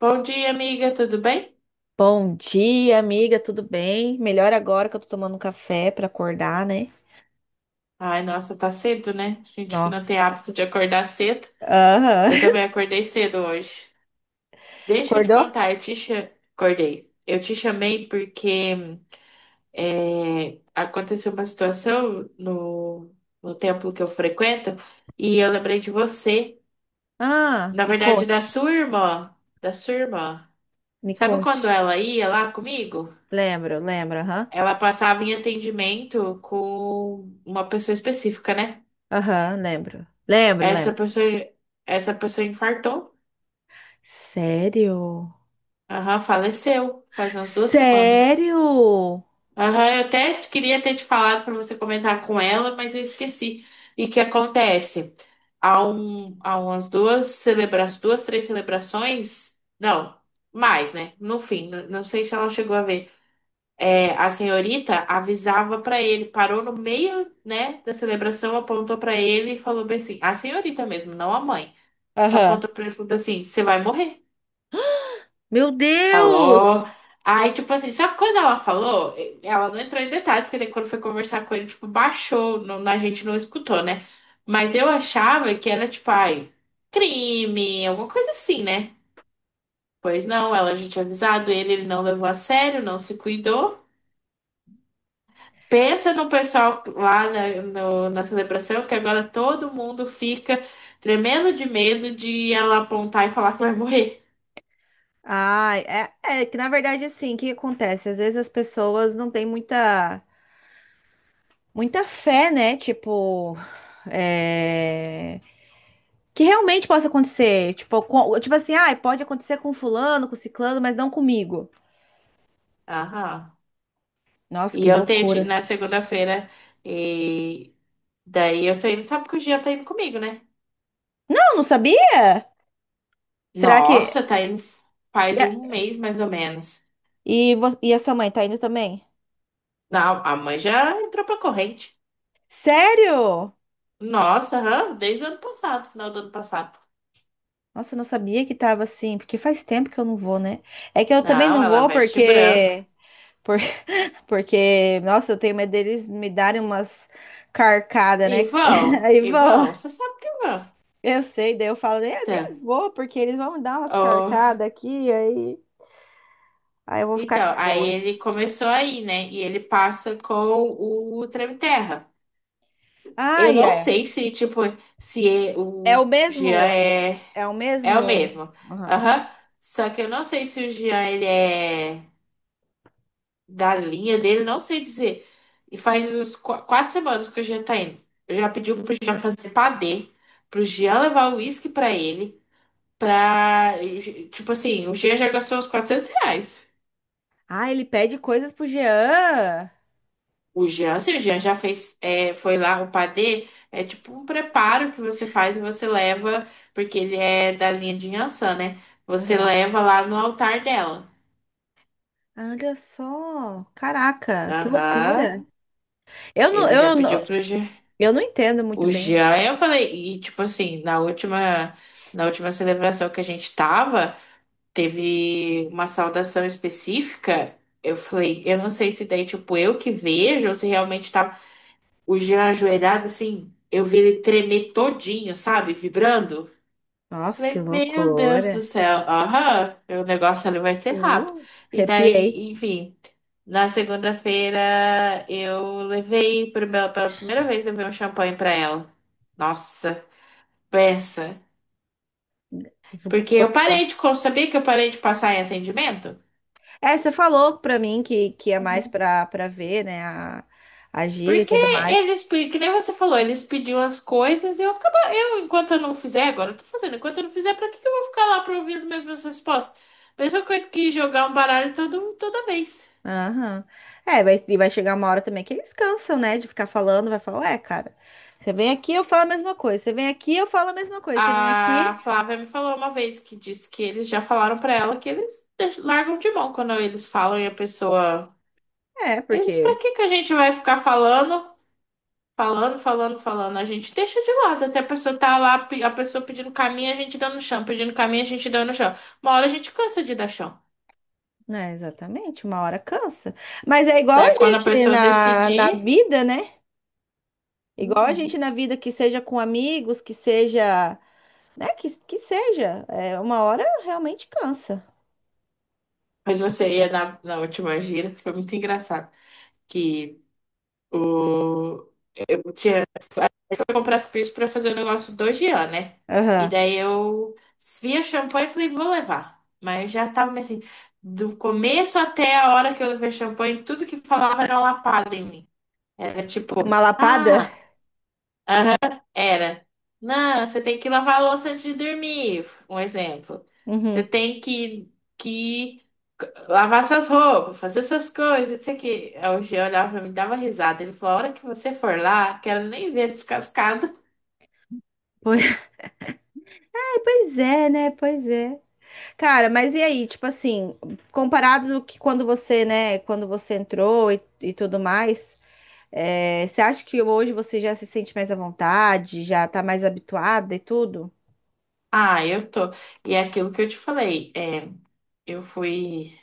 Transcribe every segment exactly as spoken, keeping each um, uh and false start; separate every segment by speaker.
Speaker 1: Bom dia, amiga, tudo bem?
Speaker 2: Bom dia, amiga, tudo bem? Melhor agora que eu tô tomando um café pra acordar, né?
Speaker 1: Ai, nossa, tá cedo, né? Gente que não
Speaker 2: Nossa.
Speaker 1: tem hábito de acordar cedo. Eu
Speaker 2: Aham.
Speaker 1: também acordei cedo hoje. Deixa eu te
Speaker 2: Acordou?
Speaker 1: contar, eu te cha- acordei. Eu te chamei porque é, aconteceu uma situação no, no templo que eu frequento e eu lembrei de você.
Speaker 2: Ah,
Speaker 1: Na
Speaker 2: me
Speaker 1: verdade, da
Speaker 2: conte,
Speaker 1: sua irmã. Da sua irmã.
Speaker 2: me
Speaker 1: Sabe quando
Speaker 2: conte.
Speaker 1: ela ia lá comigo?
Speaker 2: Lembro, lembro, aham.
Speaker 1: Ela passava em atendimento com uma pessoa específica, né?
Speaker 2: Aham, lembro. Lembro,
Speaker 1: Essa
Speaker 2: lembro.
Speaker 1: pessoa, essa pessoa infartou.
Speaker 2: Sério?
Speaker 1: Aham, faleceu faz umas duas semanas.
Speaker 2: Sério?
Speaker 1: Aham, eu até queria ter te falado para você comentar com ela, mas eu esqueci. E que acontece? Há, um, há umas duas celebrações, duas, três celebrações, não, mais, né? No fim, n- não sei se ela chegou a ver. É, a senhorita avisava para ele, parou no meio, né, da celebração, apontou para ele e falou bem assim: a senhorita mesmo, não a mãe. Tá.
Speaker 2: Aham.
Speaker 1: Apontou para ele e falou assim: você vai morrer.
Speaker 2: Meu
Speaker 1: Falou.
Speaker 2: Deus!
Speaker 1: Aí, tipo assim, só que quando ela falou, ela não entrou em detalhes, porque daí quando foi conversar com ele, tipo, baixou, não, a gente não escutou, né? Mas eu achava que era, tipo, ai, crime, alguma coisa assim, né? Pois não, ela já tinha avisado ele, ele não levou a sério, não se cuidou. Pensa no pessoal lá na, no- na celebração, que agora todo mundo fica tremendo de medo de ela apontar e falar que vai morrer.
Speaker 2: Ai, é, é que na verdade assim, o que que acontece? Às vezes as pessoas não têm muita, muita fé, né? Tipo, é, que realmente possa acontecer. Tipo, com- tipo assim, ah, pode acontecer com fulano, com ciclano, mas não comigo.
Speaker 1: Aham.
Speaker 2: Nossa,
Speaker 1: E
Speaker 2: que
Speaker 1: eu tentei,
Speaker 2: loucura.
Speaker 1: na segunda-feira. Daí eu tô indo, sabe que o Jean tá indo comigo, né?
Speaker 2: Não, não sabia? Será que.
Speaker 1: Nossa, tá indo
Speaker 2: E
Speaker 1: faz
Speaker 2: a,
Speaker 1: um mês mais ou menos.
Speaker 2: e vo- e a sua mãe tá indo também?
Speaker 1: Não, a mãe já entrou pra corrente.
Speaker 2: Sério?
Speaker 1: Nossa, aham, desde o ano passado, final do ano passado.
Speaker 2: Nossa, eu não sabia que tava assim, porque faz tempo que eu não vou, né? É que eu também
Speaker 1: Não,
Speaker 2: não
Speaker 1: ela
Speaker 2: vou
Speaker 1: veste branco.
Speaker 2: porque. por- Porque, nossa, eu tenho medo deles me darem umas carcadas,
Speaker 1: E
Speaker 2: né? que se-
Speaker 1: vão,
Speaker 2: Aí
Speaker 1: e
Speaker 2: vão.
Speaker 1: vão, você sabe que vão.
Speaker 2: Eu sei, daí eu falo, "É, nem
Speaker 1: Tá.
Speaker 2: vou, porque eles vão me dar umas
Speaker 1: Oh,
Speaker 2: carcadas aqui, aí. Aí eu vou ficar
Speaker 1: então,
Speaker 2: de
Speaker 1: aí
Speaker 2: boas.
Speaker 1: ele começou aí, né? E ele passa com o Treme Terra.
Speaker 2: Ah,
Speaker 1: Eu não
Speaker 2: é.
Speaker 1: sei se, tipo, se é-
Speaker 2: É o
Speaker 1: o Jean
Speaker 2: mesmo.
Speaker 1: é.
Speaker 2: É o
Speaker 1: É o
Speaker 2: mesmo.
Speaker 1: mesmo.
Speaker 2: Aham.
Speaker 1: Aham. Só que eu não sei se o Jean, ele é da linha dele, não sei dizer. E faz uns qu- quatro semanas que o Jean tá indo. Eu já pedi pro Jean fazer padê, pro Jean levar o uísque pra ele, pra... Tipo assim, o Jean já gastou uns quatrocentos reais.
Speaker 2: Ah, ele pede coisas pro Jean.
Speaker 1: O Jean, se o Jean já fez, é, foi lá o padê, é tipo um preparo que você faz e você leva, porque ele é da linha de Yansan, né? Você
Speaker 2: Aham.
Speaker 1: leva lá no altar dela.
Speaker 2: Olha só. Caraca, que
Speaker 1: Aham.
Speaker 2: loucura. Eu não,
Speaker 1: Ele já
Speaker 2: eu
Speaker 1: pediu
Speaker 2: não,
Speaker 1: pro Jean.
Speaker 2: eu não entendo muito
Speaker 1: O
Speaker 2: bem.
Speaker 1: Jean, eu falei, e tipo assim, na última, na última celebração que a gente tava, teve uma saudação específica. Eu falei, eu não sei se daí, tipo, eu que vejo, ou se realmente tava o Jean ajoelhado, assim, eu vi ele tremer todinho, sabe? Vibrando.
Speaker 2: Nossa, que
Speaker 1: Falei, meu Deus do
Speaker 2: loucura.
Speaker 1: céu, aham, o negócio ali vai ser rápido.
Speaker 2: Uh,
Speaker 1: E
Speaker 2: arrepiei.
Speaker 1: daí, enfim, na segunda-feira eu levei pro meu, pela primeira vez levei um champanhe pra ela. Nossa, peça. Porque eu parei
Speaker 2: Gostou.
Speaker 1: de, co- sabia que eu parei de passar em atendimento?
Speaker 2: É, você falou pra mim que, que, é mais
Speaker 1: Uhum.
Speaker 2: pra, pra, ver, né? A, a gíria e
Speaker 1: Porque
Speaker 2: tudo mais.
Speaker 1: eles, pe- que nem você falou, eles pediam as coisas e eu acabo, eu, enquanto eu não fizer, agora eu tô fazendo, enquanto eu não fizer, pra que que eu vou ficar lá pra ouvir as mesmas respostas? Mesma coisa que jogar um baralho todo, toda vez.
Speaker 2: Aham. É, vai, e vai chegar uma hora também que eles cansam, né, de ficar falando, vai falar, ué, cara, você vem aqui, eu falo a mesma coisa, você vem aqui, eu falo a mesma coisa, você vem
Speaker 1: A
Speaker 2: aqui,
Speaker 1: Flávia me falou uma vez que disse que eles já falaram pra ela que eles deix- largam de mão quando eles falam e a pessoa.
Speaker 2: é,
Speaker 1: Eles, pra
Speaker 2: porque,
Speaker 1: que que a gente vai ficar falando, falando, falando, falando? A gente deixa de lado até a pessoa tá lá, pe- a pessoa pedindo caminho, a gente dando chão, pedindo caminho, a gente dando chão. Uma hora a gente cansa de dar chão.
Speaker 2: né, exatamente, uma hora cansa. Mas é igual a
Speaker 1: Daí quando a
Speaker 2: gente
Speaker 1: pessoa
Speaker 2: na, na
Speaker 1: decidir.
Speaker 2: vida, né? Igual a
Speaker 1: Uhum.
Speaker 2: gente na vida, que seja com amigos, que seja, né, que, que seja, é, uma hora realmente cansa.
Speaker 1: Mas você ia na, na última gira, foi muito engraçado. Que o, eu tinha fui comprar as coisas pra fazer o negócio do Jean, né? E
Speaker 2: Aham.
Speaker 1: daí eu vi a champanhe e falei, vou levar. Mas já tava meio assim, do começo até a hora que eu levei champanhe, tudo que falava era uma lapada em mim. Era
Speaker 2: É
Speaker 1: tipo,
Speaker 2: uma lapada?
Speaker 1: ah, era. Não, você tem que lavar a louça antes de dormir, um exemplo. Você
Speaker 2: Uhum.
Speaker 1: tem que, que lavar suas roupas, fazer suas coisas, isso aqui. Aí o Jean olhava pra mim, dava risada. Ele falou, a hora que você for lá, quero nem ver descascado.
Speaker 2: Pois, pois é, né, pois é. Cara, mas e aí, tipo assim, comparado do que quando você, né, quando você entrou e, e tudo mais, é, você acha que hoje você já se sente mais à vontade, já tá mais habituada e tudo?
Speaker 1: Ah, eu tô. E é aquilo que eu te falei, é, eu fui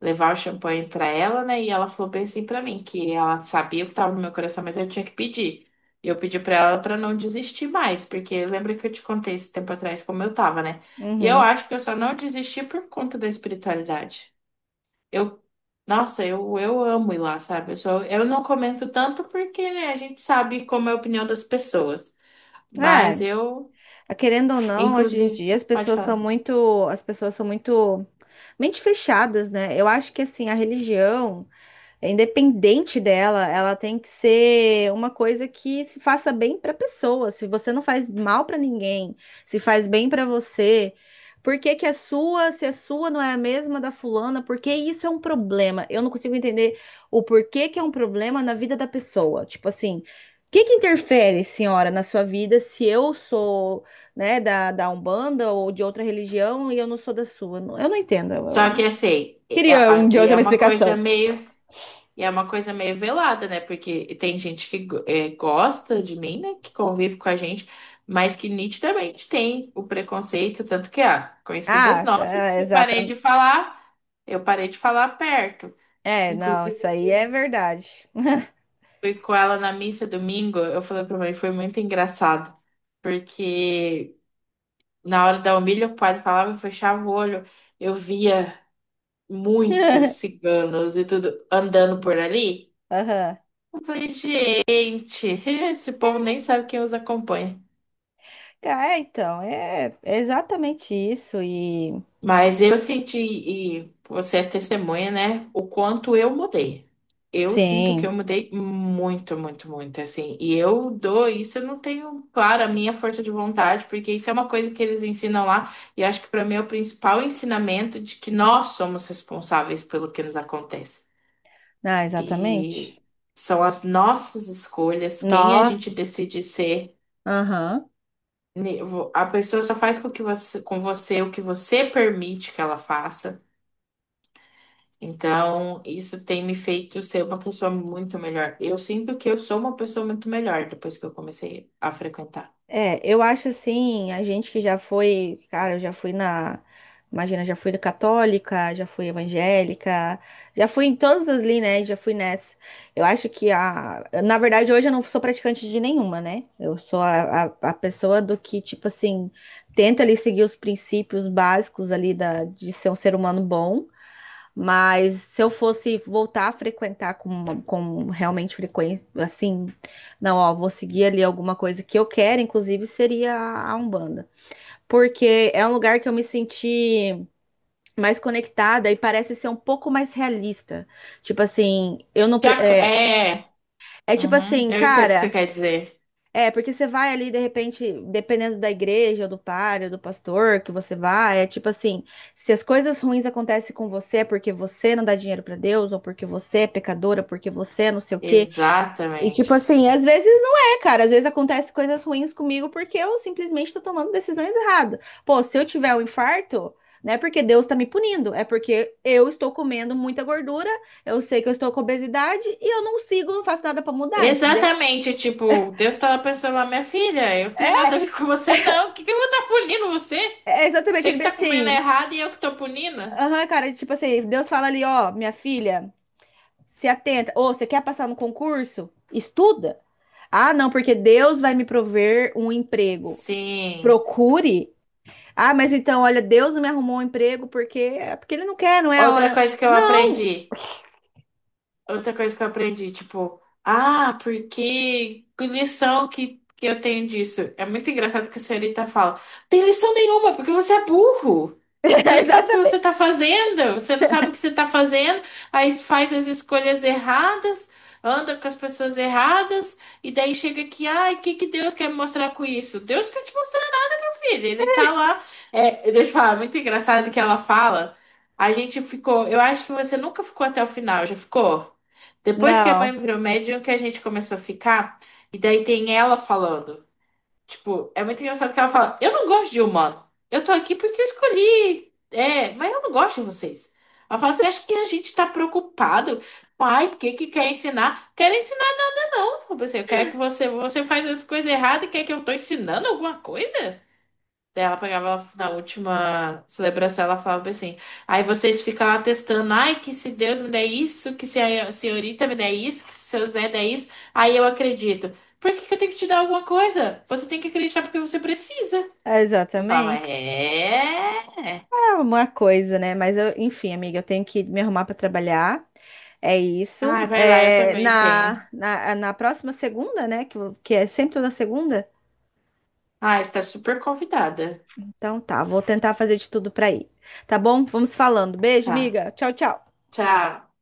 Speaker 1: levar o champanhe pra ela, né? E ela falou bem assim pra mim, que ela sabia o que tava no meu coração, mas eu tinha que pedir. E eu pedi pra ela pra não desistir mais, porque lembra que eu te contei esse tempo atrás como eu tava, né? E eu
Speaker 2: Uhum.
Speaker 1: acho que eu só não desisti por conta da espiritualidade. Eu, nossa, eu, eu amo ir lá, sabe? Eu sou, eu não comento tanto porque, né, a gente sabe como é a opinião das pessoas. Mas
Speaker 2: É,
Speaker 1: eu,
Speaker 2: querendo ou não, hoje em
Speaker 1: inclusive,
Speaker 2: dia as
Speaker 1: pode
Speaker 2: pessoas são
Speaker 1: falar.
Speaker 2: muito, as pessoas são muito mente fechadas, né? Eu acho que assim, a religião é independente dela, ela tem que ser uma coisa que se faça bem para a pessoa. Se você não faz mal para ninguém, se faz bem para você, por que que a sua, se a sua não é a mesma da fulana, por que isso é um problema? Eu não consigo entender o porquê que é um problema na vida da pessoa. Tipo assim, o que que interfere, senhora, na sua vida se eu sou, né, da, da, Umbanda ou de outra religião e eu não sou da sua? Eu não entendo. Eu,
Speaker 1: Só que
Speaker 2: eu
Speaker 1: assim, é-
Speaker 2: queria um
Speaker 1: a-
Speaker 2: dia eu
Speaker 1: e
Speaker 2: ter
Speaker 1: é
Speaker 2: uma
Speaker 1: uma coisa
Speaker 2: explicação.
Speaker 1: meio, e é uma coisa meio velada, né? Porque tem gente que go- é, gosta de mim, né? Que convive com a gente, mas que nitidamente tem o preconceito, tanto que, ah, conhecidas
Speaker 2: Ah,
Speaker 1: nossas,
Speaker 2: é,
Speaker 1: que eu parei de
Speaker 2: exatamente.
Speaker 1: falar, eu parei de falar perto.
Speaker 2: É, não,
Speaker 1: Inclusive,
Speaker 2: isso aí é
Speaker 1: fui,
Speaker 2: verdade.
Speaker 1: fui com ela na missa domingo, eu falei pra mãe, foi muito engraçado, porque na hora da humilha o padre falava, eu fechava o olho, eu via muitos ciganos e tudo andando por ali.
Speaker 2: Aham.
Speaker 1: Eu falei, gente, esse povo nem sabe quem os acompanha.
Speaker 2: Ca- É, então, é é exatamente isso. E
Speaker 1: Mas eu senti, e você é testemunha, né? O quanto eu mudei. Eu sinto que eu
Speaker 2: sim,
Speaker 1: mudei muito, muito, muito, assim. E eu dou isso, eu não tenho, claro, a minha força de vontade, porque isso é uma coisa que eles ensinam lá. E acho que para mim é o principal ensinamento de que nós somos responsáveis pelo que nos acontece.
Speaker 2: ah, exatamente.
Speaker 1: E são as nossas escolhas, quem a gente
Speaker 2: Nós,
Speaker 1: decide ser.
Speaker 2: aham.
Speaker 1: Ne- vo- A pessoa só faz com que você, com você o que você permite que ela faça. Então, isso tem me feito ser uma pessoa muito melhor. Eu sinto que eu sou uma pessoa muito melhor depois que eu comecei a frequentar.
Speaker 2: É, eu acho assim, a gente que já foi, cara, eu já fui na, imagina, já fui católica, já fui evangélica, já fui em todas as linhas, né? Já fui nessa. Eu acho que a, na verdade, hoje eu não sou praticante de nenhuma, né? Eu sou a, a, a pessoa do que, tipo assim, tenta ali seguir os princípios básicos ali da, de ser um ser humano bom. Mas se eu fosse voltar a frequentar com, uma- com realmente frequência, assim, não, ó, vou seguir ali alguma coisa que eu quero, inclusive seria a a Umbanda. Porque é um lugar que eu me senti mais conectada e parece ser um pouco mais realista. Tipo assim, eu não. pre-
Speaker 1: Já
Speaker 2: É,
Speaker 1: é,
Speaker 2: é tipo
Speaker 1: uhum,
Speaker 2: assim,
Speaker 1: eu entendo o que você
Speaker 2: cara.
Speaker 1: quer dizer.
Speaker 2: É, porque você vai ali, de repente, dependendo da igreja, ou do padre, ou do pastor que você vai, é tipo assim, se as coisas ruins acontecem com você é porque você não dá dinheiro pra Deus, ou porque você é pecadora, porque você é não sei o quê. E
Speaker 1: Exatamente.
Speaker 2: tipo assim, às vezes não é, cara. Às vezes acontecem coisas ruins comigo porque eu simplesmente tô tomando decisões erradas. Pô, se eu tiver um infarto, não é porque Deus tá me punindo, é porque eu estou comendo muita gordura, eu sei que eu estou com obesidade e eu não sigo, não faço nada pra mudar, entendeu?
Speaker 1: Exatamente, tipo, Deus tava pensando lá, minha filha, eu tenho
Speaker 2: É
Speaker 1: nada a ver com você, não. O que que eu vou estar punindo você?
Speaker 2: é exatamente,
Speaker 1: Você
Speaker 2: ele
Speaker 1: que
Speaker 2: bem
Speaker 1: tá comendo
Speaker 2: assim.
Speaker 1: errado e eu que tô punindo?
Speaker 2: Aham, cara, tipo assim, Deus fala ali, ó, minha filha, se atenta. Ou você quer passar no concurso? Estuda. Ah, não, porque Deus vai me prover um emprego.
Speaker 1: Sim.
Speaker 2: Procure. Ah, mas então, olha, Deus não me arrumou um emprego porque é porque ele não quer, não é a
Speaker 1: Outra
Speaker 2: hora.
Speaker 1: coisa que eu
Speaker 2: Não,
Speaker 1: aprendi. Outra coisa que eu aprendi, tipo, ah, porque que lição que, que eu tenho disso? É muito engraçado que a senhorita fala, tem lição nenhuma, porque você é burro. Você não sabe o que você tá
Speaker 2: Exatamente.
Speaker 1: fazendo, você não sabe o que você tá fazendo, aí faz as escolhas erradas, anda com as pessoas erradas, e daí chega aqui, ai, o que que Deus quer me mostrar com isso? Deus quer te mostrar filho, ele tá lá. É, deixa eu falar, muito engraçado que ela fala. A gente ficou. Eu acho que você nunca ficou até o final, já ficou? Depois que a
Speaker 2: Não,
Speaker 1: mãe virou médium, que a gente começou a ficar. E daí tem ela falando. Tipo, é muito engraçado que ela fala: eu não gosto de humano. Eu tô aqui porque eu escolhi. É, mas eu não gosto de vocês. Ela fala: você acha que a gente tá preocupado? Ai, o que que quer ensinar? Quero ensinar nada, não. Eu pensei, eu quero que você, você faz as coisas erradas e quer que eu tô ensinando alguma coisa? Daí ela pegava na última celebração, ela falava bem assim. Aí vocês ficam lá testando, ai, que se Deus me der isso, que se a senhorita me der isso, que se seu Zé der isso, aí eu acredito. Por que que eu tenho que te dar alguma coisa? Você tem que acreditar porque você precisa. Eu falava,
Speaker 2: exatamente.
Speaker 1: é.
Speaker 2: É uma coisa, né? Mas eu, enfim, amiga, eu tenho que me arrumar para trabalhar. É isso.
Speaker 1: Ai, vai lá, eu
Speaker 2: É,
Speaker 1: também tenho.
Speaker 2: na, na, na próxima segunda, né? Que, que é sempre toda segunda.
Speaker 1: Ai, você tá super convidada.
Speaker 2: Então tá, vou tentar fazer de tudo para ir. Tá bom? Vamos falando. Beijo,
Speaker 1: Tá.
Speaker 2: miga. Tchau, tchau.
Speaker 1: Tchau.